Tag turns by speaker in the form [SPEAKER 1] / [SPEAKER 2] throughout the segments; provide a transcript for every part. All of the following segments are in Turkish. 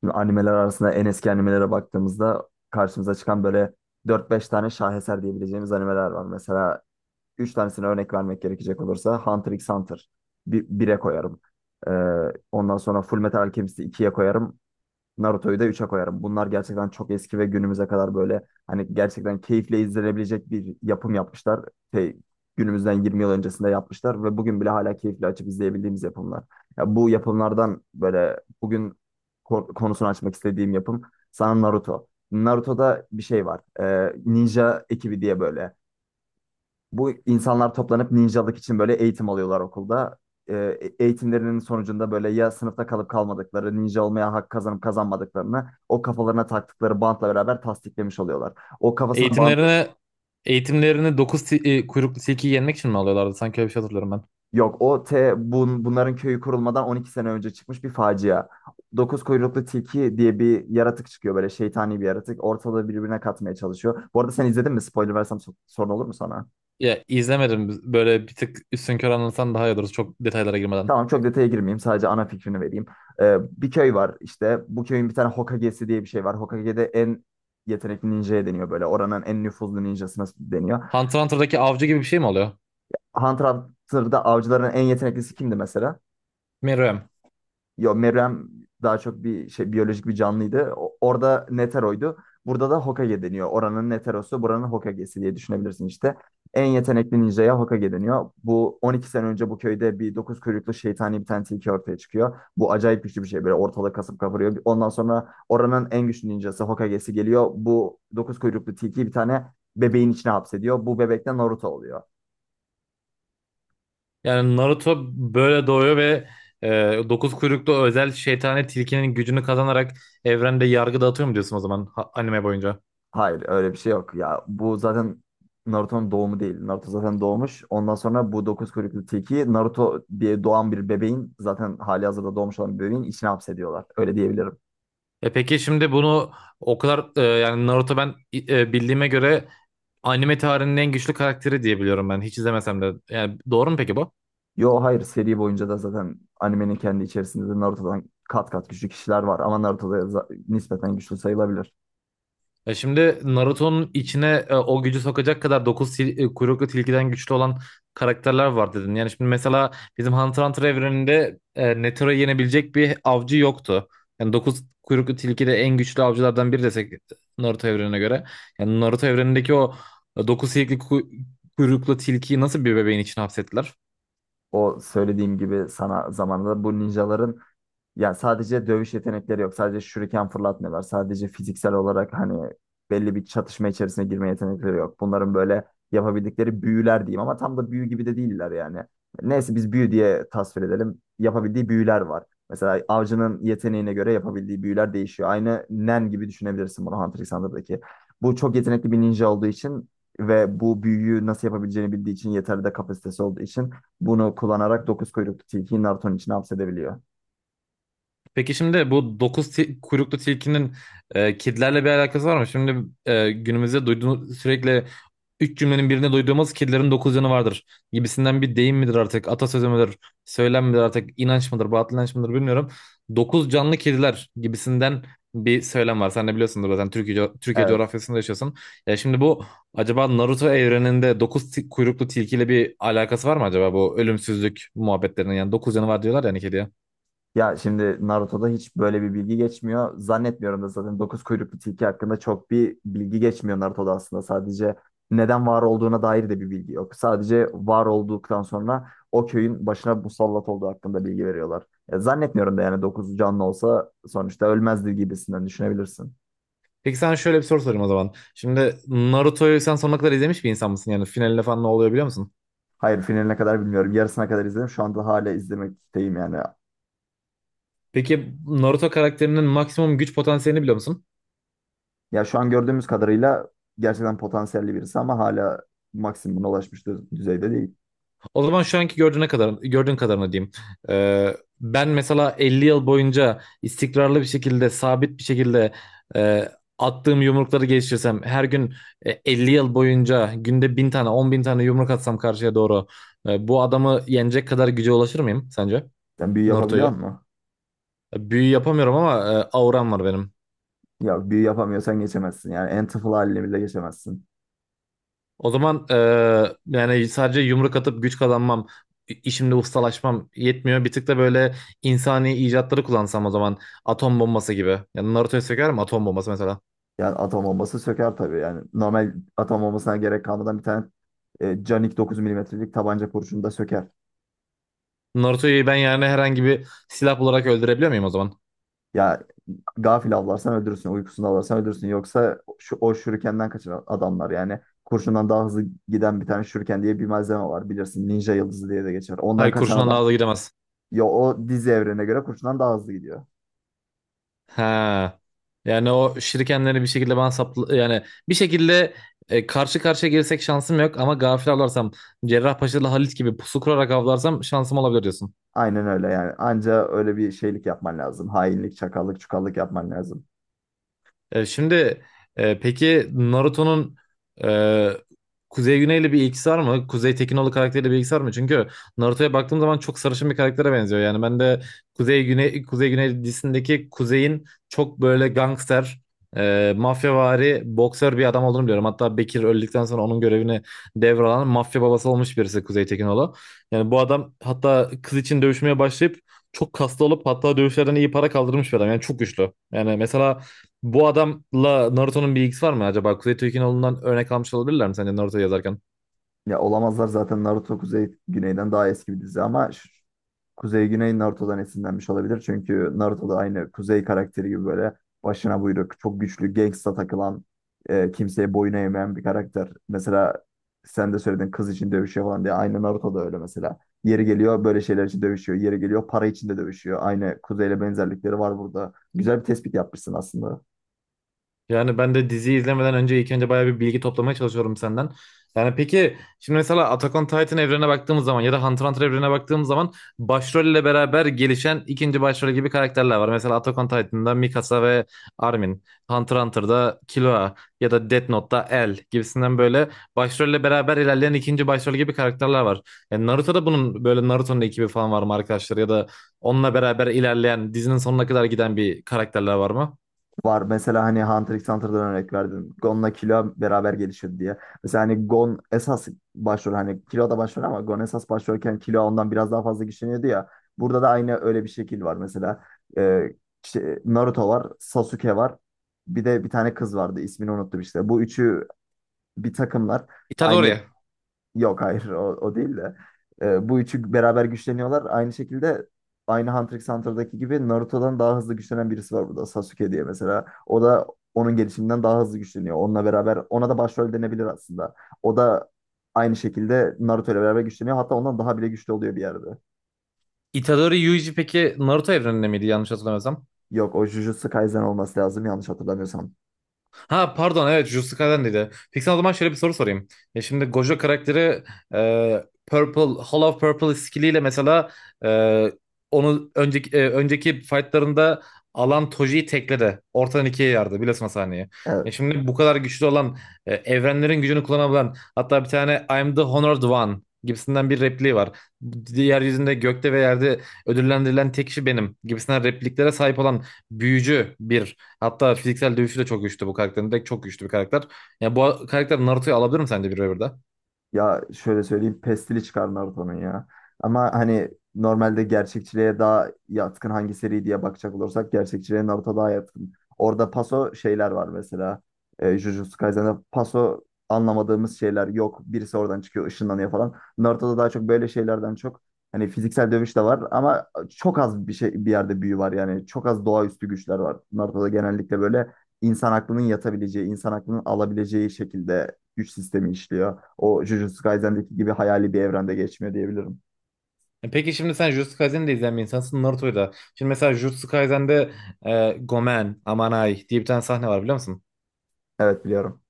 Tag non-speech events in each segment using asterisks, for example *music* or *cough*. [SPEAKER 1] Şimdi animeler arasında en eski animelere baktığımızda karşımıza çıkan böyle dört beş tane şaheser diyebileceğimiz animeler var. Mesela 3 tanesine örnek vermek gerekecek olursa Hunter x Hunter bir, 1'e koyarım. Ee, ondan sonra Fullmetal Alchemist'i 2'ye koyarım. Naruto'yu da 3'e koyarım. Bunlar gerçekten çok eski ve günümüze kadar böyle hani gerçekten keyifle izlenebilecek bir yapım yapmışlar. Şey, günümüzden 20 yıl öncesinde yapmışlar ve bugün bile hala keyifle açıp izleyebildiğimiz yapımlar. Ya bu yapımlardan böyle bugün konusunu açmak istediğim yapım sana Naruto. Naruto'da bir şey var. Ninja ekibi diye böyle. Bu insanlar toplanıp ninjalık için böyle eğitim alıyorlar okulda. Ee, eğitimlerinin sonucunda böyle ya sınıfta kalıp kalmadıkları, ninja olmaya hak kazanıp kazanmadıklarını o kafalarına taktıkları bantla beraber tasdiklemiş oluyorlar. O kafasına bant
[SPEAKER 2] Eğitimlerine eğitimlerini 9 kuyruklu tilkiyi yenmek için mi alıyorlardı? Sanki öyle bir şey hatırlıyorum ben.
[SPEAKER 1] yok. Bunların köyü kurulmadan 12 sene önce çıkmış bir facia. Dokuz kuyruklu tilki diye bir yaratık çıkıyor böyle şeytani bir yaratık. Ortalığı birbirine katmaya çalışıyor. Bu arada sen izledin mi? Spoiler versem sorun olur mu sana?
[SPEAKER 2] Ya izlemedim. Böyle bir tık üstünkör anlatsan daha iyi olur. Çok detaylara girmeden.
[SPEAKER 1] Tamam çok detaya girmeyeyim. Sadece ana fikrini vereyim. Bir köy var işte. Bu köyün bir tane Hokage'si diye bir şey var. Hokage'de en yetenekli ninja'ya deniyor böyle. Oranın en nüfuzlu ninjasına deniyor.
[SPEAKER 2] Hunter x Hunter'daki avcı gibi bir şey mi oluyor?
[SPEAKER 1] Hunter x Hunter'da avcıların en yeteneklisi kimdi mesela?
[SPEAKER 2] Meruem.
[SPEAKER 1] Yo Meruem daha çok bir şey biyolojik bir canlıydı. Orada Netero'ydu. Burada da Hokage deniyor. Oranın Netero'su, buranın Hokage'si diye düşünebilirsin işte. En yetenekli ninja'ya Hokage deniyor. Bu 12 sene önce bu köyde bir dokuz kuyruklu şeytani bir tane tilki ortaya çıkıyor. Bu acayip güçlü bir şey böyle ortalığı kasıp kavuruyor. Ondan sonra oranın en güçlü ninjası Hokage'si geliyor. Bu dokuz kuyruklu tilkiyi bir tane bebeğin içine hapsediyor. Bu bebek de Naruto oluyor.
[SPEAKER 2] Yani Naruto böyle doğuyor ve e, 9 kuyruklu özel şeytani tilkinin gücünü kazanarak evrende yargı dağıtıyor mu diyorsun o zaman anime boyunca?
[SPEAKER 1] Hayır öyle bir şey yok. Ya bu zaten Naruto'nun doğumu değil. Naruto zaten doğmuş. Ondan sonra bu dokuz kuyruklu tilkiyi Naruto diye doğan bir bebeğin zaten hali hazırda doğmuş olan bir bebeğin içine hapsediyorlar. Öyle diyebilirim.
[SPEAKER 2] Peki şimdi bunu o kadar yani Naruto ben bildiğime göre anime tarihinin en güçlü karakteri diye biliyorum ben hiç izlemesem de. Yani doğru mu peki bu?
[SPEAKER 1] Yo hayır seri boyunca da zaten animenin kendi içerisinde de Naruto'dan kat kat güçlü kişiler var. Ama Naruto da nispeten güçlü sayılabilir.
[SPEAKER 2] Ya şimdi Naruto'nun içine o gücü sokacak kadar 9 kuyruklu tilkiden güçlü olan karakterler var dedin. Yani şimdi mesela bizim Hunter x Hunter evreninde Netero'yu yenebilecek bir avcı yoktu. Yani 9 kuyruklu tilki de en güçlü avcılardan biri desek Naruto evrenine göre. Yani Naruto evrenindeki o 9 kuyruklu tilkiyi nasıl bir bebeğin içine hapsettiler?
[SPEAKER 1] O söylediğim gibi sana zamanında bu ninjaların. Ya sadece dövüş yetenekleri yok. Sadece şuriken fırlatmıyorlar. Sadece fiziksel olarak hani belli bir çatışma içerisine girme yetenekleri yok. Bunların böyle yapabildikleri büyüler diyeyim ama tam da büyü gibi de değiller yani. Neyse biz büyü diye tasvir edelim. Yapabildiği büyüler var. Mesela avcının yeteneğine göre yapabildiği büyüler değişiyor. Aynı Nen gibi düşünebilirsin bunu Hunter x Hunter'daki. Bu çok yetenekli bir ninja olduğu için ve bu büyüyü nasıl yapabileceğini bildiği için yeterli de kapasitesi olduğu için bunu kullanarak dokuz kuyruklu tilkiyi Naruto'nun içine hapsedebiliyor.
[SPEAKER 2] Peki şimdi bu kuyruklu tilkinin kedilerle bir alakası var mı? Şimdi günümüzde duyduğumuz sürekli üç cümlenin birinde duyduğumuz kedilerin dokuz canı vardır gibisinden bir deyim midir artık, atasözü müdür, söylem midir artık, inanç mıdır, batıl inanç mıdır bilmiyorum. Dokuz canlı kediler gibisinden bir söylem var. Sen de biliyorsundur zaten Türkiye
[SPEAKER 1] Evet.
[SPEAKER 2] coğrafyasında yaşıyorsun. Ya şimdi bu acaba Naruto evreninde kuyruklu tilkiyle bir alakası var mı acaba bu ölümsüzlük muhabbetlerinin? Yani dokuz canı var diyorlar yani kediye.
[SPEAKER 1] Ya şimdi Naruto'da hiç böyle bir bilgi geçmiyor. Zannetmiyorum da zaten dokuz kuyruklu tilki hakkında çok bir bilgi geçmiyor Naruto'da aslında. Sadece neden var olduğuna dair de bir bilgi yok. Sadece var olduktan sonra o köyün başına musallat olduğu hakkında bilgi veriyorlar. Ya zannetmiyorum da yani dokuz canlı olsa sonuçta ölmezdi gibisinden düşünebilirsin.
[SPEAKER 2] Peki sana şöyle bir soru sorayım o zaman. Şimdi Naruto'yu sen sonuna kadar izlemiş bir insan mısın? Yani finaline falan ne oluyor biliyor musun?
[SPEAKER 1] Hayır finaline kadar bilmiyorum. Yarısına kadar izledim. Şu anda hala izlemekteyim yani.
[SPEAKER 2] Peki Naruto karakterinin maksimum güç potansiyelini biliyor musun?
[SPEAKER 1] Ya şu an gördüğümüz kadarıyla gerçekten potansiyelli birisi ama hala maksimuma ulaşmış düzeyde değil.
[SPEAKER 2] O zaman şu anki gördüğüne kadar, gördüğün kadarını diyeyim. Ben mesela 50 yıl boyunca istikrarlı bir şekilde, sabit bir şekilde e, attığım yumrukları geliştirsem, her gün 50 yıl boyunca günde 1.000 tane, 10.000 tane yumruk atsam karşıya doğru, bu adamı yenecek kadar güce ulaşır mıyım sence?
[SPEAKER 1] Sen büyü yapabiliyor
[SPEAKER 2] Naruto'yu?
[SPEAKER 1] musun?
[SPEAKER 2] Büyü yapamıyorum ama auram var benim.
[SPEAKER 1] Ya büyü yapamıyorsan geçemezsin. Yani en tıfıl haline bile geçemezsin.
[SPEAKER 2] O zaman yani sadece yumruk atıp güç kazanmam, işimde ustalaşmam yetmiyor. Bir tık da böyle insani icatları kullansam o zaman atom bombası gibi. Yani Naruto'yu sökerim atom bombası mesela.
[SPEAKER 1] Yani atom bombası söker tabii. Yani normal atom bombasına gerek kalmadan bir tane canik 9 milimetrelik tabanca kurşunu da söker.
[SPEAKER 2] Naruto'yu ben yani herhangi bir silah olarak öldürebiliyor muyum o zaman?
[SPEAKER 1] Ya gafil avlarsan öldürürsün, uykusunu avlarsan öldürürsün. Yoksa şu, o şurikenden kaçan adamlar yani kurşundan daha hızlı giden bir tane şuriken diye bir malzeme var bilirsin. Ninja yıldızı diye de geçer. Ondan
[SPEAKER 2] Hayır
[SPEAKER 1] kaçan
[SPEAKER 2] kurşunla
[SPEAKER 1] adam
[SPEAKER 2] daha da gidemez.
[SPEAKER 1] ya o dizi evrene göre kurşundan daha hızlı gidiyor.
[SPEAKER 2] Ha. Yani o şirikenleri bir şekilde bana saplı yani bir şekilde karşı karşıya girsek şansım yok ama gafil avlarsam Cerrahpaşa'lı Halit gibi pusu kurarak avlarsam şansım olabilir diyorsun.
[SPEAKER 1] Aynen öyle yani. Anca öyle bir şeylik yapman lazım. Hainlik, çakallık, çukallık yapman lazım.
[SPEAKER 2] E, şimdi peki Naruto'nun e, Kuzey Güney'le bir ilgisi var mı? Kuzey Tekinoğlu karakteriyle bir ilgisi var mı? Çünkü Naruto'ya baktığım zaman çok sarışın bir karaktere benziyor. Yani ben de Kuzey Güney dizisindeki Kuzey'in çok böyle gangster, mafyavari, boksör bir adam olduğunu biliyorum. Hatta Bekir öldükten sonra onun görevini devralan mafya babası olmuş birisi Kuzey Tekinoğlu. Yani bu adam hatta kız için dövüşmeye başlayıp çok kaslı olup hatta dövüşlerden iyi para kaldırmış bir adam. Yani çok güçlü. Yani mesela bu adamla Naruto'nun bir ilgisi var mı acaba? Kuzey Türk'ün oğlundan örnek almış olabilirler mi sence Naruto yazarken?
[SPEAKER 1] Ya olamazlar zaten Naruto Kuzey Güney'den daha eski bir dizi ama Kuzey Güney Naruto'dan esinlenmiş olabilir. Çünkü Naruto'da aynı Kuzey karakteri gibi böyle başına buyruk, çok güçlü, gangsta takılan, kimseye boyun eğmeyen bir karakter. Mesela sen de söyledin kız için dövüşüyor falan diye. Aynı Naruto'da öyle mesela. Yeri geliyor böyle şeyler için dövüşüyor. Yeri geliyor para için de dövüşüyor. Aynı Kuzey'le benzerlikleri var burada. Güzel bir tespit yapmışsın aslında.
[SPEAKER 2] Yani ben de diziyi izlemeden önce ilk önce bayağı bir bilgi toplamaya çalışıyorum senden. Yani peki şimdi mesela Attack on Titan evrene baktığımız zaman ya da Hunter x Hunter evrene baktığımız zaman başrolle beraber gelişen ikinci başrol gibi karakterler var. Mesela Attack on Titan'da Mikasa ve Armin, Hunter x Hunter'da Killua ya da Death Note'da L gibisinden böyle başrolle beraber ilerleyen ikinci başrol gibi karakterler var. Yani Naruto'da bunun böyle Naruto'nun ekibi falan var mı arkadaşlar ya da onunla beraber ilerleyen dizinin sonuna kadar giden bir karakterler var mı?
[SPEAKER 1] Var. Mesela hani Hunter x Hunter'dan örnek verdin. Gon'la Killua beraber gelişir diye. Mesela hani Gon esas başrol hani Killua da başrol ama Gon esas başrolken Killua ondan biraz daha fazla güçleniyordu ya. Burada da aynı öyle bir şekil var mesela. Ee, Naruto var, Sasuke var. Bir de bir tane kız vardı. İsmini unuttum işte. Bu üçü bir takımlar.
[SPEAKER 2] Itadori.
[SPEAKER 1] Aynı Yok hayır o değil de. Bu üçü beraber güçleniyorlar. Aynı şekilde aynı Hunter x Hunter'daki gibi Naruto'dan daha hızlı güçlenen birisi var burada. Sasuke diye mesela. O da onun gelişiminden daha hızlı güçleniyor. Onunla beraber ona da başrol denebilir aslında. O da aynı şekilde Naruto ile beraber güçleniyor. Hatta ondan daha bile güçlü oluyor bir yerde.
[SPEAKER 2] Itadori Yuji peki Naruto evreninde miydi yanlış hatırlamıyorsam?
[SPEAKER 1] Yok o Jujutsu Kaisen olması lazım yanlış hatırlamıyorsam.
[SPEAKER 2] Ha pardon evet Jujutsu Kaisen'deydi. Peki sana o zaman şöyle bir soru sorayım. Ya şimdi Gojo karakteri Purple, Hall of Purple skilliyle mesela e, onu önceki fightlarında alan Toji'yi tekledi. Ortadan ikiye yardı biliyorsun o sahneyi. Ya
[SPEAKER 1] Evet.
[SPEAKER 2] şimdi bu kadar güçlü olan evrenlerin gücünü kullanabilen hatta bir tane I'm the Honored One gibisinden bir repliği var. Yeryüzünde gökte ve yerde ödüllendirilen tek kişi benim gibisinden repliklere sahip olan büyücü bir. Hatta fiziksel dövüşü de çok güçlü bu karakterin. Direkt çok güçlü bir karakter. Yani bu karakter Naruto'yu alabilir mi sence bir revirde?
[SPEAKER 1] Ya şöyle söyleyeyim pestili çıkar Naruto'nun ya. Ama hani normalde gerçekçiliğe daha yatkın hangi seri diye bakacak olursak gerçekçiliğe Naruto daha yatkın. Orada paso şeyler var mesela. E, Jujutsu Kaisen'de paso anlamadığımız şeyler yok. Birisi oradan çıkıyor ışınlanıyor falan. Naruto'da daha çok böyle şeylerden çok hani fiziksel dövüş de var ama çok az bir şey bir yerde büyü var yani. Çok az doğaüstü güçler var. Naruto'da genellikle böyle insan aklının yatabileceği, insan aklının alabileceği şekilde güç sistemi işliyor. O Jujutsu Kaisen'deki gibi hayali bir evrende geçmiyor diyebilirim.
[SPEAKER 2] Peki şimdi sen Jujutsu Kaisen'i de izleyen bir insansın Naruto'yu da. Şimdi mesela Jujutsu Kaisen'de Gomen, Amanai diye bir tane sahne var biliyor musun?
[SPEAKER 1] Evet biliyorum.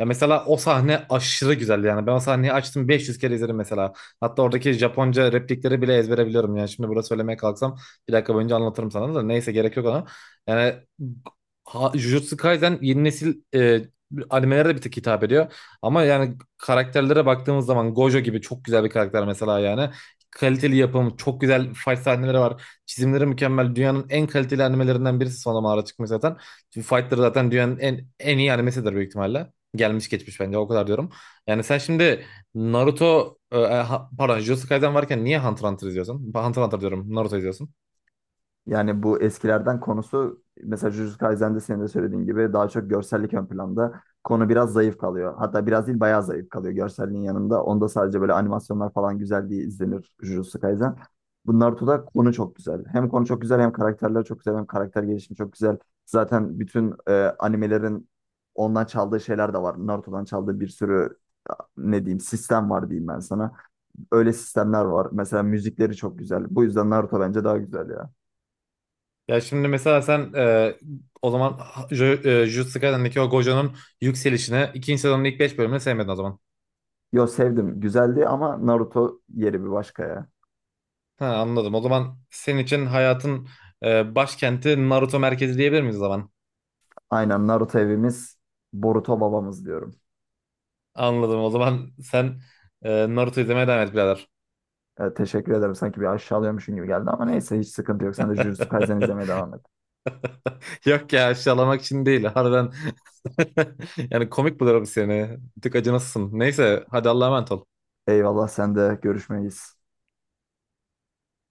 [SPEAKER 2] Ya mesela o sahne aşırı güzeldi yani. Ben o sahneyi açtım 500 kere izlerim mesela. Hatta oradaki Japonca replikleri bile ezbere biliyorum yani. Şimdi burada söylemeye kalksam bir dakika boyunca anlatırım sana da. Neyse gerek yok ona. Yani ha, Jujutsu Kaisen yeni nesil animelere de bir tık hitap ediyor. Ama yani karakterlere baktığımız zaman Gojo gibi çok güzel bir karakter mesela yani. Kaliteli yapım, çok güzel fight sahneleri var. Çizimleri mükemmel. Dünyanın en kaliteli animelerinden birisi son zamanlarda çıkmış zaten. Fightları zaten dünyanın en iyi animesidir büyük ihtimalle gelmiş geçmiş bence o kadar diyorum. Yani sen şimdi Naruto e, e, ha- pardon Jujutsu Kaisen varken niye Hunter x Hunter izliyorsun? Hunter x Hunter diyorum Naruto izliyorsun.
[SPEAKER 1] Yani bu eskilerden konusu mesela Jujutsu Kaisen'de senin de söylediğin gibi daha çok görsellik ön planda. Konu biraz zayıf kalıyor. Hatta biraz değil bayağı zayıf kalıyor görselliğin yanında. Onda sadece böyle animasyonlar falan güzel diye izlenir Jujutsu Kaisen. Bu Naruto'da konu çok güzel. Hem konu çok güzel hem karakterler çok güzel hem karakter gelişimi çok güzel. Zaten bütün animelerin ondan çaldığı şeyler de var. Naruto'dan çaldığı bir sürü ne diyeyim sistem var diyeyim ben sana. Öyle sistemler var. Mesela müzikleri çok güzel. Bu yüzden Naruto bence daha güzel ya.
[SPEAKER 2] Ya şimdi mesela sen o zaman Jujutsu Kaisen'deki o Gojo'nun yükselişini ikinci sezonun ilk 5 bölümünü sevmedin o zaman.
[SPEAKER 1] Yo sevdim. Güzeldi ama Naruto yeri bir başka ya.
[SPEAKER 2] Ha, anladım. O zaman senin için hayatın başkenti Naruto merkezi diyebilir miyiz o zaman?
[SPEAKER 1] Aynen Naruto evimiz, Boruto babamız diyorum.
[SPEAKER 2] Anladım. O zaman sen Naruto izlemeye devam et birader.
[SPEAKER 1] Evet, teşekkür ederim. Sanki bir aşağılıyormuşum gibi geldi ama neyse hiç sıkıntı yok. Sen de Jujutsu Kaisen izlemeye
[SPEAKER 2] *laughs*
[SPEAKER 1] devam et.
[SPEAKER 2] Yok ya aşağılamak için değil. Harbiden *laughs* yani komik buluyorum seni. Bir tık acınasın. Neyse hadi Allah'a emanet ol.
[SPEAKER 1] Eyvallah sen de görüşmeyiz.